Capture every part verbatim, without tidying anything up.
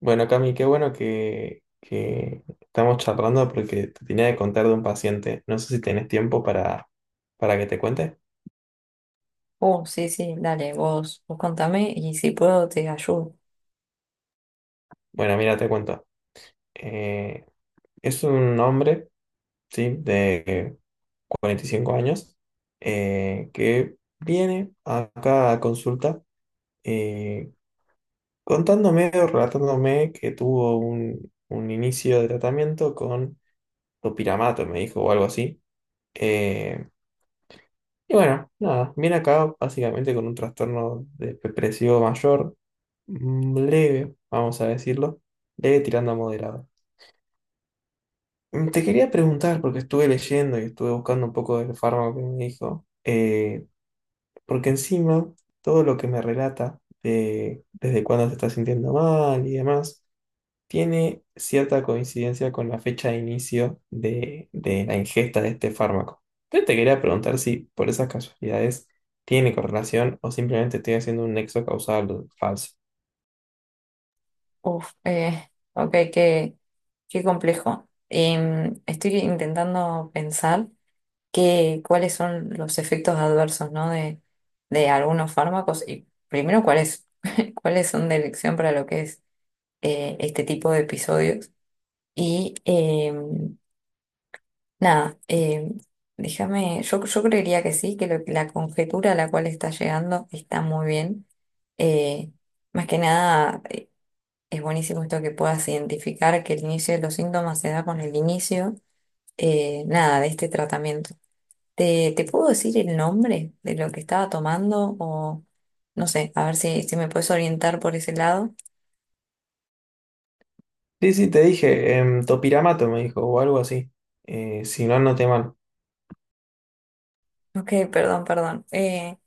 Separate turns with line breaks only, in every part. Bueno, Cami, qué bueno que, que estamos charlando porque te tenía que contar de un paciente. No sé si tenés tiempo para, para que te cuente.
Uh, sí, sí, dale, vos, vos contame y si puedo te ayudo.
Bueno, mira, te cuento. Eh, es un hombre, ¿sí? De cuarenta y cinco años, eh, que viene acá a consulta, eh, contándome o relatándome que tuvo un, un inicio de tratamiento con topiramato, me dijo, o algo así. Eh, Y bueno, nada, viene acá básicamente con un trastorno de- depresivo mayor, mm, leve, vamos a decirlo, leve tirando a moderado. Mm, te quería preguntar, porque estuve leyendo y estuve buscando un poco del fármaco que me dijo, eh, porque encima todo lo que me relata de desde cuándo se está sintiendo mal y demás tiene cierta coincidencia con la fecha de inicio de, de la ingesta de este fármaco. Yo te quería preguntar si por esas casualidades tiene correlación o simplemente estoy haciendo un nexo causal falso.
Uf, eh, ok, qué, qué complejo. Em, estoy intentando pensar que, cuáles son los efectos adversos, ¿no? De, de algunos fármacos y primero cuáles, cuáles son de elección para lo que es eh, este tipo de episodios y, em, Nada, eh, déjame, yo, yo creería que sí, que lo- la conjetura a la cual está llegando está muy bien. Eh, más que nada, es buenísimo esto que puedas identificar que el inicio de los síntomas se da con el inicio, eh, nada, de este tratamiento. ¿Te, te puedo decir el nombre de lo que estaba tomando o no sé, a ver si, si me puedes orientar por ese lado?
Sí, sí, te dije, em, topiramato me dijo, o algo así. Eh, si no, no te mal.
Ok, perdón, perdón. Eh,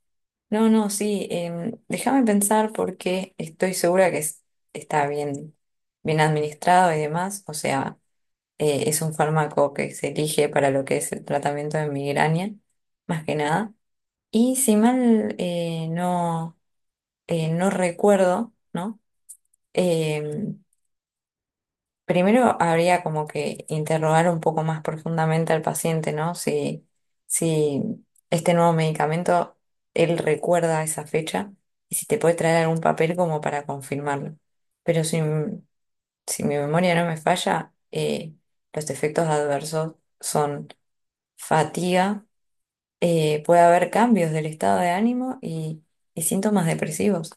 No, no, sí, em, déjame pensar porque estoy segura que es- está bien, bien administrado y demás. O sea, eh, es un fármaco que se elige para lo que es el tratamiento de migraña, más que nada. Y si mal eh, no, eh, no recuerdo, ¿no? Em, Primero habría como que interrogar un poco más profundamente al paciente, ¿no? Si, si este nuevo medicamento, él recuerda esa fecha y si te puede traer algún papel como para confirmarlo. Pero si, m- si mi memoria no me falla, eh, los efectos adversos son fatiga, eh, puede haber cambios del estado de ánimo y, y síntomas depresivos.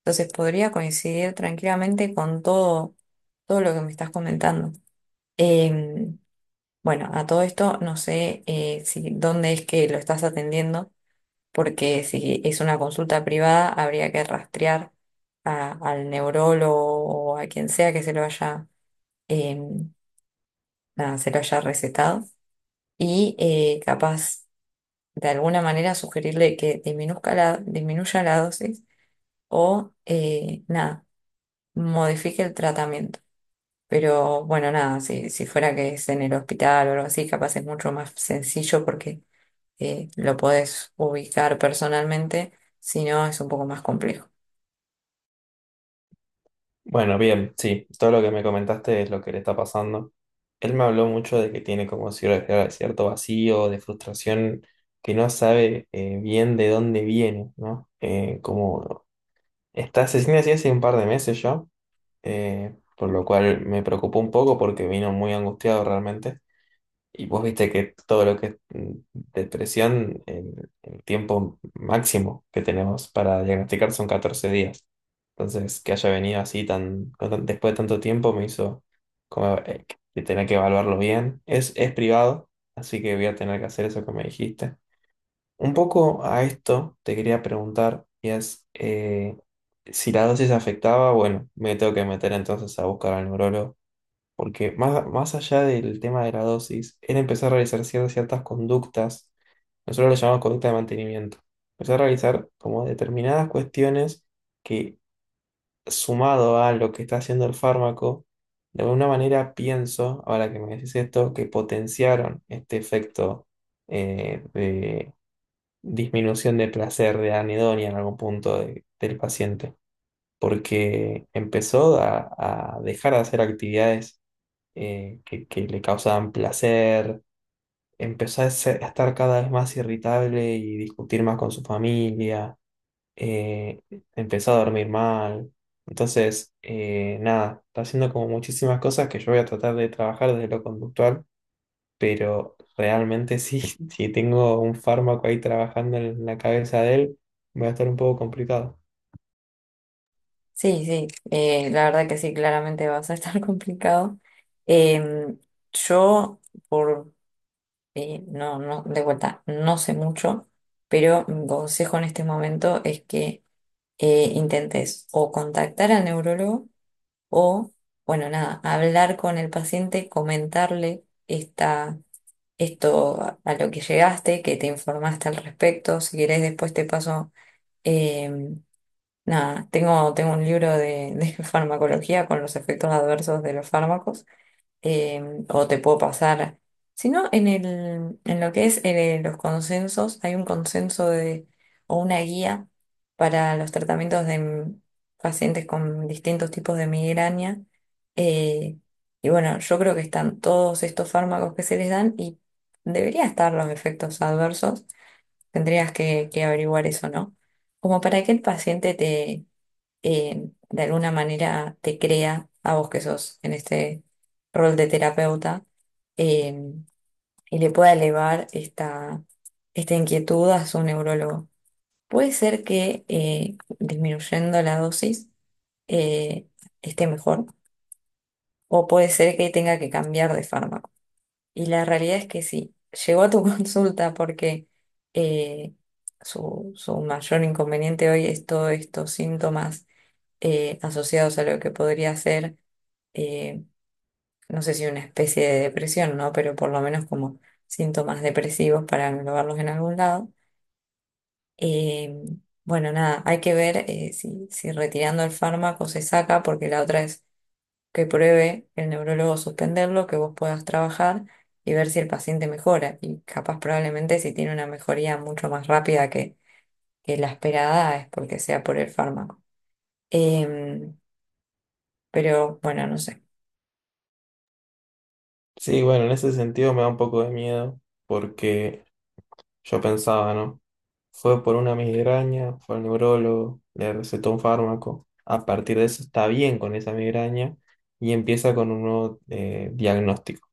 Entonces podría coincidir tranquilamente con todo, todo lo que me estás comentando. Em, bueno, a todo esto no sé eh, si dónde es que lo estás atendiendo, porque si es una consulta privada habría que rastrear a- al neurólogo o a quien sea que se lo haya, em, nada, se lo haya recetado y eh, capaz de alguna manera sugerirle que disminuzca la, disminuya la dosis o eh, nada, modifique el tratamiento. Pero bueno, nada, si, si fuera que es en el hospital o algo así, capaz es mucho más sencillo porque eh, lo podés ubicar personalmente, si no es un poco más complejo.
Bueno, bien, sí, todo lo que me comentaste es lo que le está pasando. Él me habló mucho de que tiene como cier- cierto vacío, de frustración, que no sabe, eh, bien de dónde viene, ¿no? Eh, como está asesina así hace un par de meses ya, eh, por lo cual me preocupó un poco porque vino muy angustiado realmente. Y vos viste que todo lo que es mm, depresión, el, el tiempo máximo que tenemos para diagnosticar son catorce días. Entonces, que haya venido así tan, con tan- después de tanto tiempo me hizo como eh, que tener que evaluarlo bien. Es, es privado, así que voy a tener que hacer eso que me dijiste. Un poco a esto te quería preguntar, y es, eh, si la dosis afectaba, bueno, me tengo que meter entonces a buscar al neurólogo, porque más, más allá del tema de la dosis, él empezó a realizar cier- ciertas conductas, nosotros lo llamamos conducta de mantenimiento, empezó a realizar como determinadas cuestiones que sumado a lo que está haciendo el fármaco, de alguna manera pienso, ahora que me decís esto, que potenciaron este efecto, eh, disminución de placer, de anedonia en algún punto de- del paciente, porque empezó a, a dejar de hacer actividades, eh, que, que le causaban placer, empezó a, ser- a estar cada vez más irritable y discutir más con su familia, eh, empezó a dormir mal. Entonces, eh, nada, está haciendo como muchísimas cosas que yo voy a tratar de trabajar desde lo conductual, pero realmente sí, si tengo un fármaco ahí trabajando en la cabeza de él, va a estar un poco complicado.
Sí, sí, eh, la verdad que sí, claramente vas a estar complicado. Em, yo, por, eh, no, no, de vuelta, no sé mucho, pero mi consejo en este momento es que eh, intentes o contactar al neurólogo o, bueno, nada, hablar con el paciente, comentarle esta esto a, a lo que llegaste, que te informaste al respecto. Si querés, después te paso. Eh, nada, tengo, tengo un libro de, de farmacología con los efectos adversos de los fármacos em, o te puedo pasar. Sino en el, en lo que es eh, los consensos, hay un consenso de, o una guía para los tratamientos de m- pacientes con distintos tipos de migraña. eh, y bueno, yo creo que están todos estos fármacos que se les dan y debería estar los efectos adversos. Tendrías que, que averiguar eso, ¿no? Como para que el paciente te eh, de alguna manera te crea a vos que sos en este rol de terapeuta eh, y le pueda elevar esta, esta inquietud a su neurólogo. Puede ser que eh, disminuyendo la dosis eh, esté mejor o puede ser que tenga que cambiar de fármaco. Y la realidad es que sí, llegó a tu consulta porque eh, su, su mayor inconveniente hoy es todos estos síntomas eh, asociados a lo que podría ser, eh, no sé si una especie de depresión, ¿no? Pero por lo menos como síntomas depresivos para englobarlos en algún lado. Eh, bueno, nada, hay que ver eh, si, si retirando el fármaco se saca, porque la otra es que pruebe el neurólogo suspenderlo, que vos puedas trabajar y ver si el paciente mejora. Y capaz probablemente si tiene una mejoría mucho más rápida que, que la esperada es porque sea por el fármaco. Em, pero bueno, no sé.
Sí, bueno, en ese sentido me da un poco de miedo porque yo pensaba, ¿no? Fue por una migraña, fue al neurólogo, le recetó un fármaco, a partir de eso está bien con esa migraña y empieza con un nuevo, eh, diagnóstico.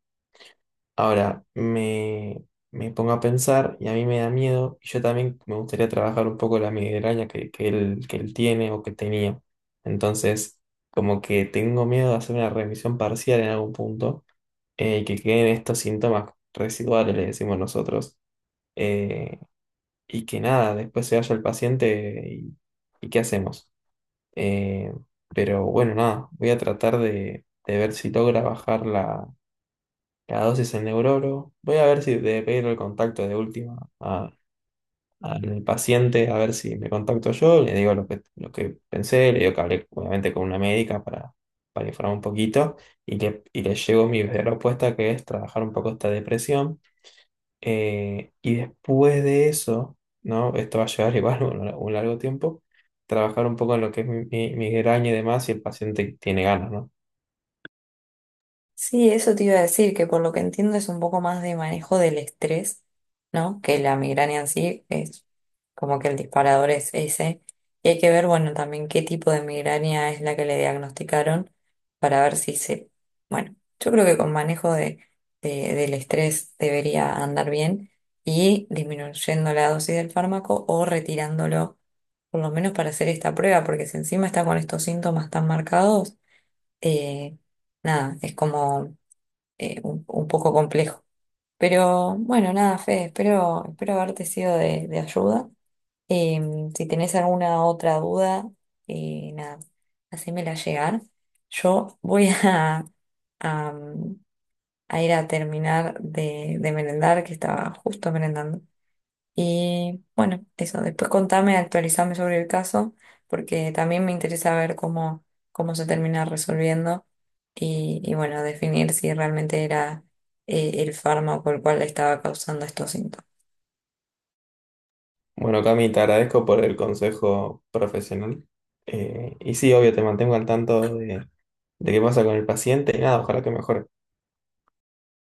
Ahora me, me pongo a pensar y a mí me da miedo y yo también me gustaría trabajar un poco la migraña que, que él, que él tiene o que tenía. Entonces, como que tengo miedo de hacer una revisión parcial en algún punto, eh, y que queden estos síntomas residuales, le decimos nosotros, eh, y que nada, después se vaya el paciente y, y ¿qué hacemos? Eh, pero bueno, nada, voy a tratar de, de ver si logra bajar cada dosis en neuroro. Voy a ver si de pedir el contacto de última a- al paciente, a ver si me contacto yo, le digo lo que, lo que pensé, le digo que hablé obviamente con una médica para, para informar un poquito y le, y le llevo mi propuesta que es trabajar un poco esta depresión. Eh, y después de eso, ¿no? Esto va a llevar igual un, un largo tiempo, trabajar un poco en lo que es mi, mi migraña y demás si el paciente tiene ganas, ¿no?
Sí, eso te iba a decir, que por lo que entiendo es un poco más de manejo del estrés, ¿no? Que la migraña en sí es como que el disparador es ese. Y hay que ver, bueno, también qué tipo de migraña es la que le diagnosticaron para ver si se... Bueno, yo creo que con manejo de, de- del estrés debería andar bien y disminuyendo la dosis del fármaco o retirándolo, por lo menos para hacer esta prueba, porque si encima está con estos síntomas tan marcados, eh, nada, es como eh, un, un poco complejo. Pero bueno, nada, Fede, espero, espero haberte sido de, de ayuda. Em, si tenés alguna otra duda, eh, nada, hacémela llegar. Yo voy a, a, mm, a ir a terminar de, de merendar, que estaba justo merendando. Y bueno, eso, después contame, actualizame sobre el caso, porque también me interesa ver cómo, cómo se termina resolviendo y, y bueno, definir si realmente era eh, el fármaco el cual le estaba causando estos síntomas.
Bueno, Cami, te agradezco por el consejo profesional. Eh, y sí, obvio, te mantengo al tanto de, de qué pasa con el paciente y nada, ojalá que mejore.